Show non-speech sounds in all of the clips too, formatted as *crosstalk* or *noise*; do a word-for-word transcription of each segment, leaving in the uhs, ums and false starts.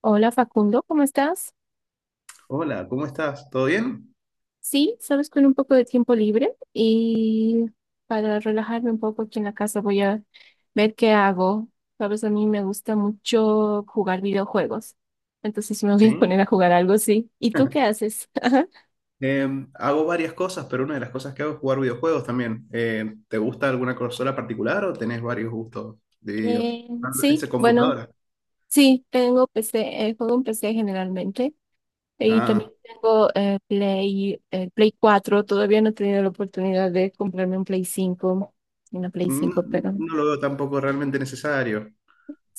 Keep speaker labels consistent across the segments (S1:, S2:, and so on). S1: Hola Facundo, ¿cómo estás?
S2: Hola, ¿cómo estás? ¿Todo bien?
S1: Sí, sabes, con un poco de tiempo libre y para relajarme un poco aquí en la casa voy a ver qué hago. Sabes, a mí me gusta mucho jugar videojuegos, entonces me voy a
S2: Sí.
S1: poner a jugar algo, sí. ¿Y tú qué
S2: *laughs*
S1: haces? *laughs*
S2: Em, hago varias cosas, pero una de las cosas que hago es jugar videojuegos también. Eh, ¿te gusta alguna consola particular o tenés varios gustos divididos?
S1: Eh,
S2: Ah, ¿esa
S1: sí, bueno,
S2: computadora?
S1: sí, tengo P C, eh, juego en P C generalmente y también
S2: Ah,
S1: tengo eh, Play, eh, Play cuatro. Todavía no he tenido la oportunidad de comprarme un Play cinco, una Play
S2: mm,
S1: cinco, pero...
S2: no, lo veo tampoco realmente necesario.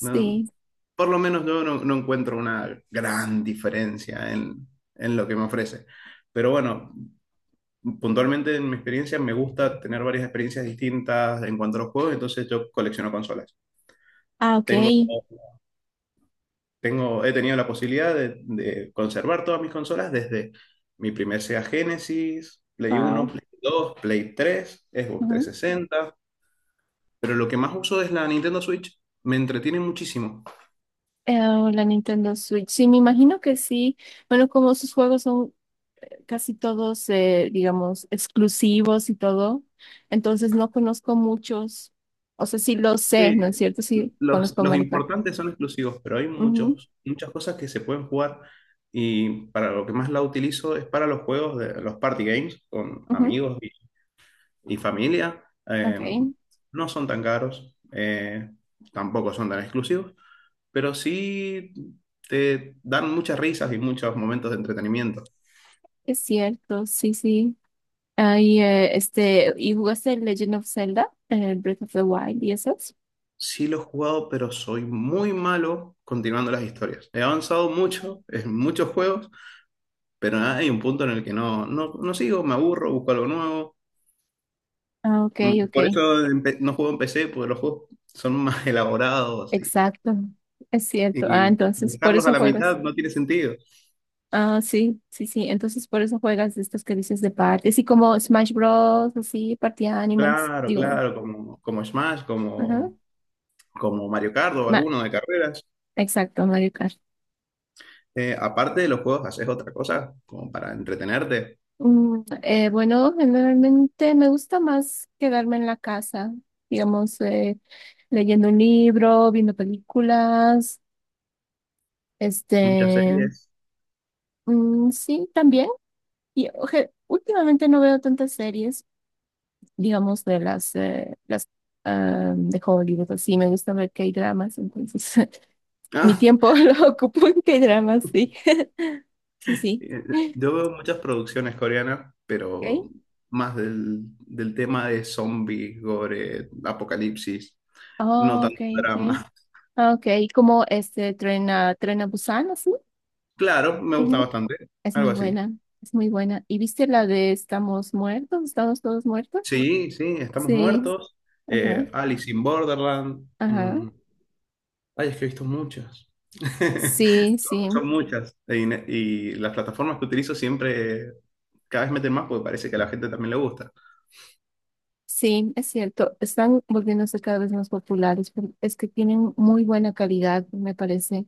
S2: No, por lo menos yo no, no encuentro una gran diferencia en, en lo que me ofrece. Pero bueno, puntualmente en mi experiencia me gusta tener varias experiencias distintas en cuanto a los juegos, entonces yo colecciono consolas.
S1: Ah, ok.
S2: Tengo Tengo, he tenido la posibilidad de, de conservar todas mis consolas desde mi primer Sega Genesis, Play Uno,
S1: Wow.
S2: Play Dos, Play Tres, Xbox
S1: Ujú.
S2: trescientos sesenta, pero lo que más uso es la Nintendo Switch. Me entretiene muchísimo.
S1: Eh, o la Nintendo Switch. Sí, me imagino que sí. Bueno, como sus juegos son casi todos, eh, digamos, exclusivos y todo, entonces no conozco muchos. O sea, sí lo sé, ¿no
S2: Sí,
S1: es cierto? Sí,
S2: los,
S1: conozco
S2: los
S1: Mario Kart.
S2: importantes son exclusivos, pero hay
S1: Ujú,
S2: muchos, muchas cosas que se pueden jugar, y para lo que más la utilizo es para los juegos de los party games con
S1: ujú.
S2: amigos y, y familia.
S1: Ok,
S2: Eh, no son tan caros, eh, tampoco son tan exclusivos, pero sí te dan muchas risas y muchos momentos de entretenimiento.
S1: es cierto, sí, sí. Ahí, eh, este, ¿y jugaste Legend of Zelda, eh, Breath of the Wild y esos?
S2: Sí lo he jugado, pero soy muy malo continuando las historias. He avanzado mucho *laughs* en muchos juegos, pero hay un punto en el que no, no, no sigo, me aburro, busco algo nuevo.
S1: Ah, ok,
S2: Mm,
S1: ok.
S2: Por eso empe- no juego en P C, porque los juegos son más *laughs* elaborados, y,
S1: Exacto, es cierto. Ah,
S2: y
S1: entonces, por
S2: dejarlos a
S1: eso
S2: la
S1: juegas.
S2: mitad no tiene sentido.
S1: Ah, sí, sí, sí. Entonces por eso juegas de estos que dices de partes y como Smash Bros, así, Party Animals,
S2: Claro,
S1: digo.
S2: claro, como, como Smash,
S1: Ajá.
S2: como, como Mario Kart o
S1: Ma-
S2: alguno de carreras.
S1: Exacto, Mario Kart.
S2: Eh, aparte de los juegos, ¿haces otra cosa como para entretenerte?
S1: Mm, eh, bueno, generalmente me gusta más quedarme en la casa, digamos, eh, leyendo un libro, viendo películas,
S2: Muchas
S1: este,
S2: series.
S1: mm, sí, también. Y oje, últimamente no veo tantas series, digamos, de las, eh, las ah, de Hollywood, así, me gusta ver K-dramas, entonces *laughs* mi
S2: Ah,
S1: tiempo *laughs* lo ocupo en K-dramas, sí. *laughs* Sí, sí.
S2: eh, yo veo muchas producciones coreanas,
S1: Okay.
S2: pero más del, del tema de zombies, gore, apocalipsis, no
S1: Oh,
S2: tanto
S1: okay, okay.
S2: drama. *laughs*
S1: Ah, okay, como este Tren a, Tren a Busan, así.
S2: Claro, me gusta
S1: Ujú.
S2: bastante,
S1: Es
S2: algo
S1: muy
S2: así.
S1: buena, es muy buena. ¿Y viste la de Estamos muertos, estamos todos muertos?
S2: Sí, sí, estamos
S1: Sí,
S2: muertos.
S1: ajá,
S2: eh, Alice in Borderland.
S1: ajá.
S2: Mm, Ay, es que he visto muchas. *laughs*
S1: Sí, sí,
S2: Son muchas. Y, y las plataformas que utilizo siempre cada vez meten más porque parece que a la gente también le gusta.
S1: sí, es cierto. Están volviéndose cada vez más populares, pero es que tienen muy buena calidad, me parece.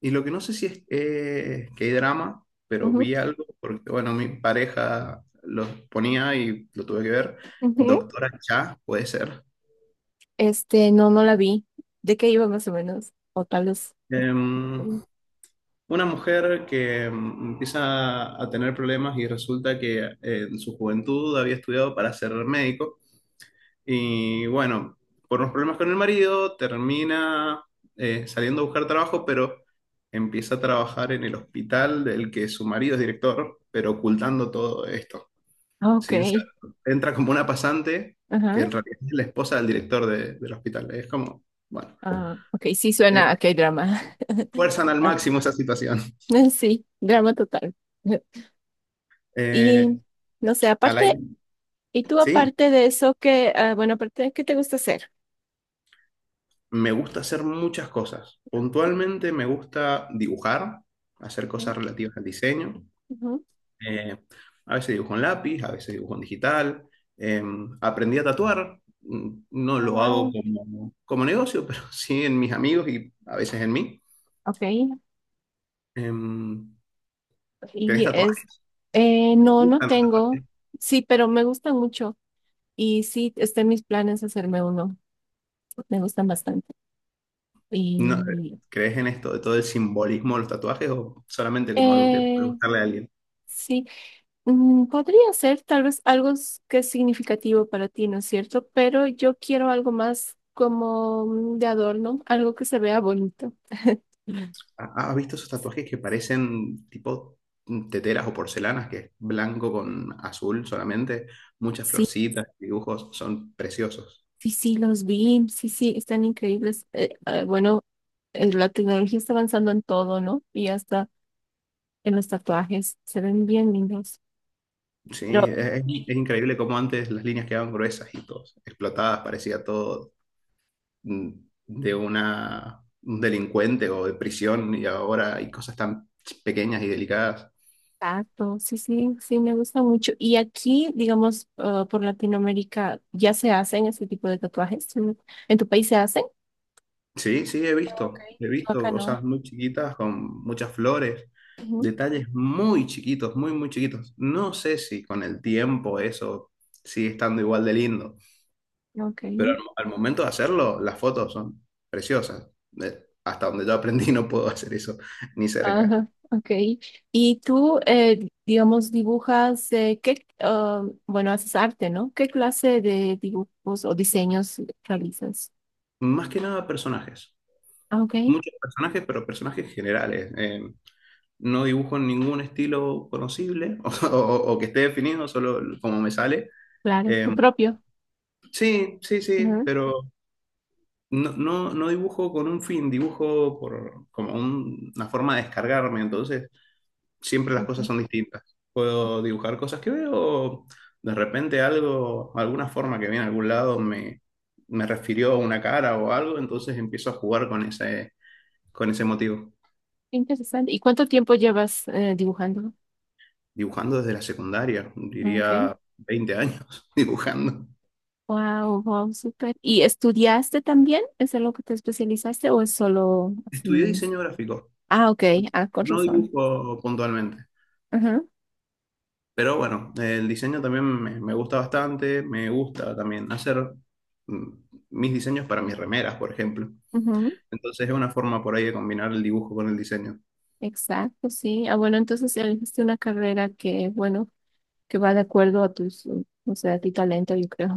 S2: Y lo que no sé si es eh, que hay drama, pero
S1: Ujú,
S2: vi algo, porque bueno, mi pareja lo ponía y lo tuve que ver.
S1: ujú.
S2: Doctora Cha, puede ser.
S1: Este, no, no la vi. ¿De qué iba más o menos? O tal vez. No no me
S2: Em,
S1: acuerdo.
S2: una mujer que em, empieza a tener problemas y resulta que eh, en su juventud había estudiado para ser médico. Y bueno, por unos problemas con el marido, termina eh, saliendo a buscar trabajo, pero empieza a trabajar en el hospital del que su marido es director, pero ocultando todo esto.
S1: Ah, ok.
S2: Sin sa- Entra como una pasante, que
S1: Ajá.
S2: en realidad es la esposa del director de- del hospital. Es como, bueno,
S1: Ah, ok, sí suena a
S2: eh,
S1: que drama. *laughs*
S2: fuerzan al
S1: Ah,
S2: máximo esa situación.
S1: sí, drama total. *laughs* Y
S2: Eh,
S1: no sé,
S2: Al
S1: aparte,
S2: aire.
S1: y tú
S2: Sí,
S1: aparte de eso, que, bueno, aparte, ¿de qué te gusta hacer?
S2: me gusta hacer muchas cosas. Puntualmente me gusta dibujar, hacer
S1: Ok.
S2: cosas relativas al diseño.
S1: Ujú.
S2: Eh, a veces dibujo en lápiz, a veces dibujo en digital. Eh, Aprendí a tatuar, mm, no
S1: Oh,
S2: lo hago
S1: wow.
S2: como, como negocio, *laughs* pero sí en mis amigos y a veces en mí.
S1: Ok.
S2: Eh, ¿Tenés
S1: Y es,
S2: tatuajes?
S1: eh,
S2: ¿Te
S1: no, no
S2: gustan los tatuajes?
S1: tengo. Sí, pero me gustan mucho. Y sí, está en mis planes hacerme uno. Me gustan bastante.
S2: No, eh,
S1: Y
S2: ¿crees en esto de todo el simbolismo de los tatuajes o solamente como algo que puede
S1: Eh,
S2: gustarle a alguien?
S1: sí, mm, podría ser tal vez algo s- que es significativo para ti, ¿no es cierto? Pero yo quiero algo más como mm, de adorno, algo que se vea bonito. *laughs*
S2: ¿Ha- ¿Has visto esos tatuajes que parecen tipo mm, teteras o porcelanas, que es blanco con azul solamente? Muchas
S1: Sí,
S2: florcitas, dibujos, son preciosos.
S1: sí, sí, los vi, sí, sí, están increíbles. Eh, eh, bueno, eh, la tecnología está avanzando en todo, ¿no? Y hasta en los tatuajes, se ven bien lindos.
S2: Sí, es, es increíble cómo antes las líneas quedaban gruesas y todo, explotadas, parecía todo mm, de una, un delincuente o de prisión, y ahora hay cosas tan ch- pequeñas y delicadas.
S1: Exacto, sí, sí, sí, me gusta mucho. Y aquí, digamos, ah, por Latinoamérica, ya se hacen ese tipo de tatuajes. ¿En, ¿en tu país se hacen?
S2: Sí, sí, he
S1: Ok,
S2: visto, he
S1: yo acá
S2: visto
S1: no.
S2: cosas muy chiquitas con muchas flores, detalles muy chiquitos, muy, muy chiquitos. No sé si con el tiempo eso sigue estando igual de lindo,
S1: Ujú, ok,
S2: pero al, al momento de hacerlo, las fotos son preciosas. Eh, Hasta donde yo aprendí *laughs* no puedo hacer eso ni cerca.
S1: ajá, ok. Y tú, eh, digamos, dibujas, eh, ¿qué, ah, bueno, haces arte, ¿no? ¿Qué clase de dibujos o diseños realizas?
S2: Más que nada personajes.
S1: Ah, ok,
S2: Muchos personajes, pero personajes generales. Eh, no dibujo ningún estilo conocible *laughs* o, o- o que esté definido, solo como me sale.
S1: claro,
S2: Eh,
S1: tu propio.
S2: sí, sí, sí,
S1: Ujú,
S2: pero no, no, no dibujo con un fin, dibujo por, como un- una forma de descargarme, entonces siempre las
S1: ok,
S2: cosas son distintas. Puedo dibujar cosas que veo, o de repente algo, alguna forma que viene a algún lado me, me refirió a una cara o algo, entonces empiezo a jugar con ese, con ese motivo.
S1: interesante. ¿Y cuánto tiempo llevas eh, dibujando?
S2: Dibujando desde la secundaria,
S1: Ah, ok.
S2: diría veinte años *laughs* dibujando.
S1: Wow, wow, súper. ¿Y estudiaste también? ¿Es en lo que te especializaste o es solo
S2: Estudié
S1: así?
S2: diseño gráfico,
S1: Ah, ok, ah, con
S2: no
S1: razón.
S2: dibujo puntualmente,
S1: Ajá,
S2: pero bueno, el diseño también me, me gusta bastante, me gusta también hacer mm, mis diseños para mis remeras, por ejemplo.
S1: ajá,
S2: Entonces es una forma por ahí de combinar el dibujo con el diseño.
S1: exacto, sí. Ah, bueno, entonces elegiste una carrera que, bueno, que va de acuerdo a tus, uh, o sea, a tu talento, yo creo.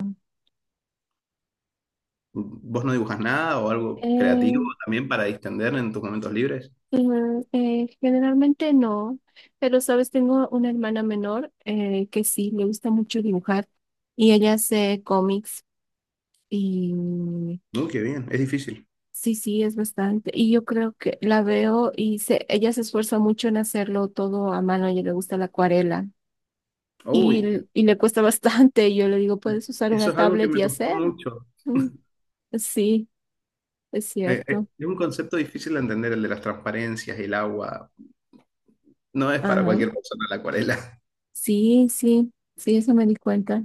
S2: ¿Vos no dibujas nada o algo creativo
S1: Eh,
S2: también para distender en tus momentos libres?
S1: mm, eh, generalmente no, pero sabes, tengo una hermana menor eh, que sí, le gusta mucho dibujar y ella hace cómics y
S2: Uy, qué bien, es difícil.
S1: sí, sí, es bastante. Y yo creo que la veo y se, ella se esfuerza mucho en hacerlo todo a mano. A ella le gusta la acuarela
S2: Uy,
S1: y, l- y le cuesta *laughs* bastante. Y yo le digo, ¿puedes usar
S2: eso
S1: una
S2: es algo que
S1: tablet y
S2: me costó
S1: hacer?
S2: mucho.
S1: Mm, sí, es
S2: Eh, eh,
S1: cierto.
S2: es un concepto difícil de entender el de las transparencias, el agua. No es para
S1: Ajá.
S2: cualquier persona la acuarela. *laughs*
S1: Sí, sí, sí, eso me di cuenta.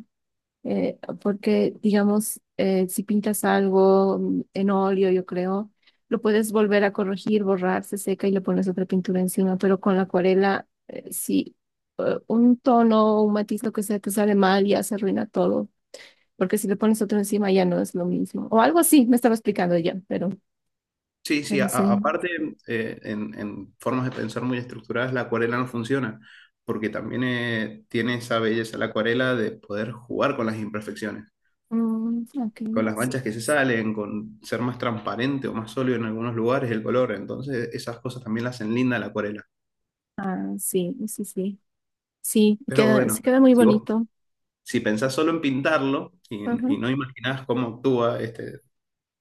S1: eh, Porque, digamos, eh, si pintas algo mm, en óleo, yo creo, lo puedes volver a corregir, borrar, se seca y le pones otra pintura encima, pero con la acuarela, eh, si eh, un tono o un matiz, lo que sea, te sale mal, ya se arruina todo, porque si le pones otro encima ya no es lo mismo. O algo así, me estaba explicando ya, pero,
S2: Sí, sí, a-
S1: pero sí.
S2: a- aparte, eh, en, en formas de pensar muy estructuradas, la acuarela no funciona, porque también eh, tiene esa belleza la acuarela de poder jugar con las imperfecciones,
S1: Mm, ok,
S2: con las
S1: sí.
S2: manchas que se salen, con ser más transparente o más sólido en algunos lugares el color. Entonces, esas cosas también la hacen linda la acuarela.
S1: Ah, sí, sí, sí. Sí,
S2: Pero
S1: queda, se
S2: bueno,
S1: queda muy
S2: si vos,
S1: bonito.
S2: si pensás solo en pintarlo y,
S1: Ajá,
S2: y no imaginás cómo actúa este,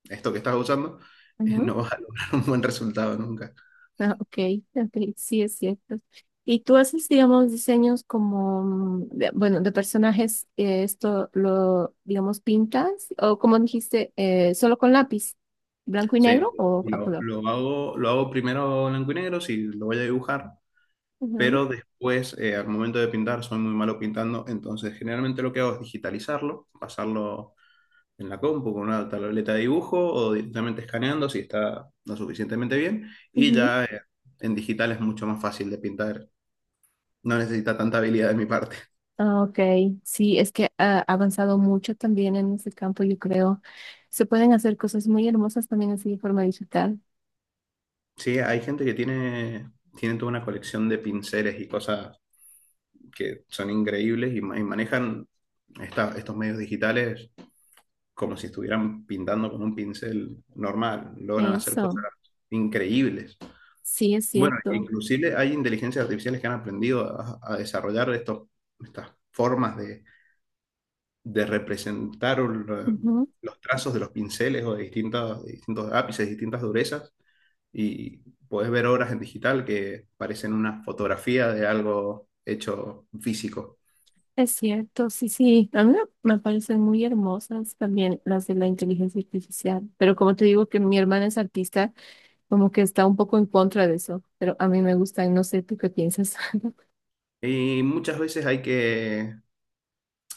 S2: esto que estás usando, *laughs* eh,
S1: ajá.
S2: no vas a lograr un buen resultado nunca.
S1: Ah, ok, ok, sí es cierto. Y tú haces, digamos, diseños como, mm, de- bueno, de personajes, eh, esto lo, digamos, pintas, o como dijiste, eh, solo con lápiz, blanco y
S2: Sí,
S1: negro o a
S2: lo,
S1: color.
S2: lo hago, lo hago primero blanco y negro si lo voy a dibujar,
S1: Ujú,
S2: pero después, eh, al momento de pintar, soy muy malo pintando, entonces generalmente lo que hago es digitalizarlo, pasarlo en la compu con una tableta de dibujo o directamente escaneando si está lo suficientemente bien, y
S1: ujú.
S2: ya eh, en digital es mucho más fácil de pintar, no necesita tanta habilidad de mi parte.
S1: Ah, ok, sí, es que ha avanzado mucho también en ese campo, yo creo. Se pueden hacer cosas muy hermosas también así de forma digital.
S2: Sí, hay gente que tiene, tiene toda una colección de pinceles y cosas que son increíbles y, ma- y manejan esta- estos medios digitales como si estuvieran pintando con un pincel normal, logran hacer
S1: Eso,
S2: cosas increíbles.
S1: sí es
S2: Bueno,
S1: cierto.
S2: inclusive hay inteligencias artificiales que han aprendido a, a desarrollar estos, estas formas de, de representar lo- los trazos de los pinceles o de distintas de distintos ápices, distintas durezas, y podés ver obras en digital que parecen una fotografía de algo hecho físico.
S1: Es cierto, sí, sí. A mí me Me parecen muy hermosas también las de la inteligencia artificial, pero como te digo que mi hermana es artista, como que está un poco en contra de eso, pero a mí me gustan, no sé, ¿tú qué piensas? *laughs*
S2: Y muchas veces hay que,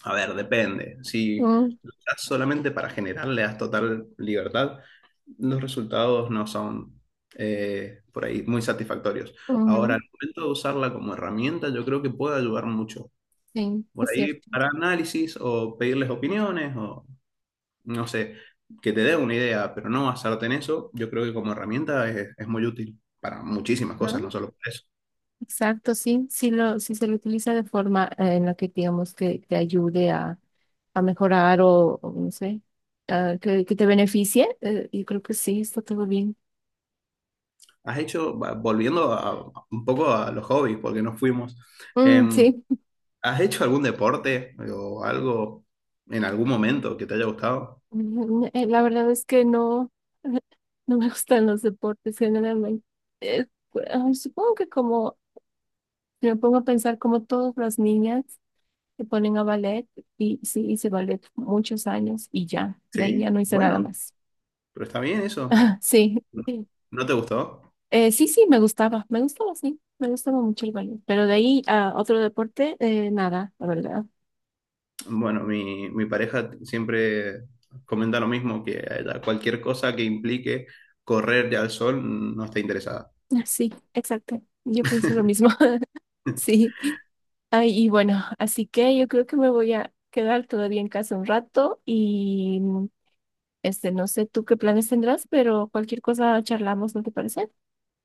S2: a ver, depende. Si
S1: Mm,
S2: luchas solamente para generar, le das total libertad, los resultados no son eh, por ahí muy satisfactorios. Ahora,
S1: ujú,
S2: al momento de usarla como herramienta, yo creo que puede ayudar mucho.
S1: sí,
S2: Por
S1: es
S2: ahí
S1: cierto.
S2: para análisis o pedirles opiniones o no sé, que te dé una idea, pero no basarte en eso, yo creo que como herramienta es, es muy útil para muchísimas
S1: Ajá,
S2: cosas, no solo para eso.
S1: exacto, sí, sí lo, si se lo utiliza de forma eh, en la que digamos que te ayude a, a mejorar o, o no sé, ah, que, que te beneficie, eh, yo creo que sí, está todo bien.
S2: Has hecho, va- volviendo a- un poco a los hobbies, porque nos fuimos,
S1: Mm,
S2: em,
S1: sí.
S2: ¿has hecho algún deporte o algo en algún momento que te haya gustado?
S1: Mm, eh, la verdad es que no, *laughs* no me gustan los deportes generalmente. Eh, cu- ah, Supongo que como, si me pongo a pensar como todas las niñas se ponen a ballet y sí hice ballet muchos años y ya, de ahí ya
S2: Sí.
S1: no hice nada
S2: Bueno,
S1: más.
S2: pero está bien eso.
S1: *laughs* Sí, sí,
S2: ¿No te gustó?
S1: Eh, sí, sí, me gustaba, me gustaba, sí, me gustaba mucho el ballet, pero de ahí a otro deporte, eh, nada, la verdad. *laughs*
S2: Bueno, mi, mi pareja siempre comenta lo mismo, que a ella cualquier cosa que implique correr al sol no está interesada.
S1: Ah, sí, exacto, yo pienso lo mismo. *laughs* Sí. Ay, y bueno, así que yo creo que me voy a quedar todavía en casa un rato y mm, este, no sé tú qué planes tendrás, pero cualquier cosa charlamos, ¿no te parece?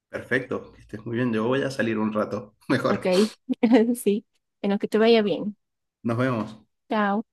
S2: Perfecto, que estés muy bien. Yo voy a salir un rato. *laughs*
S1: Ok,
S2: Mejor.
S1: *laughs* sí, en lo que te vaya bien.
S2: Nos vemos.
S1: Chao.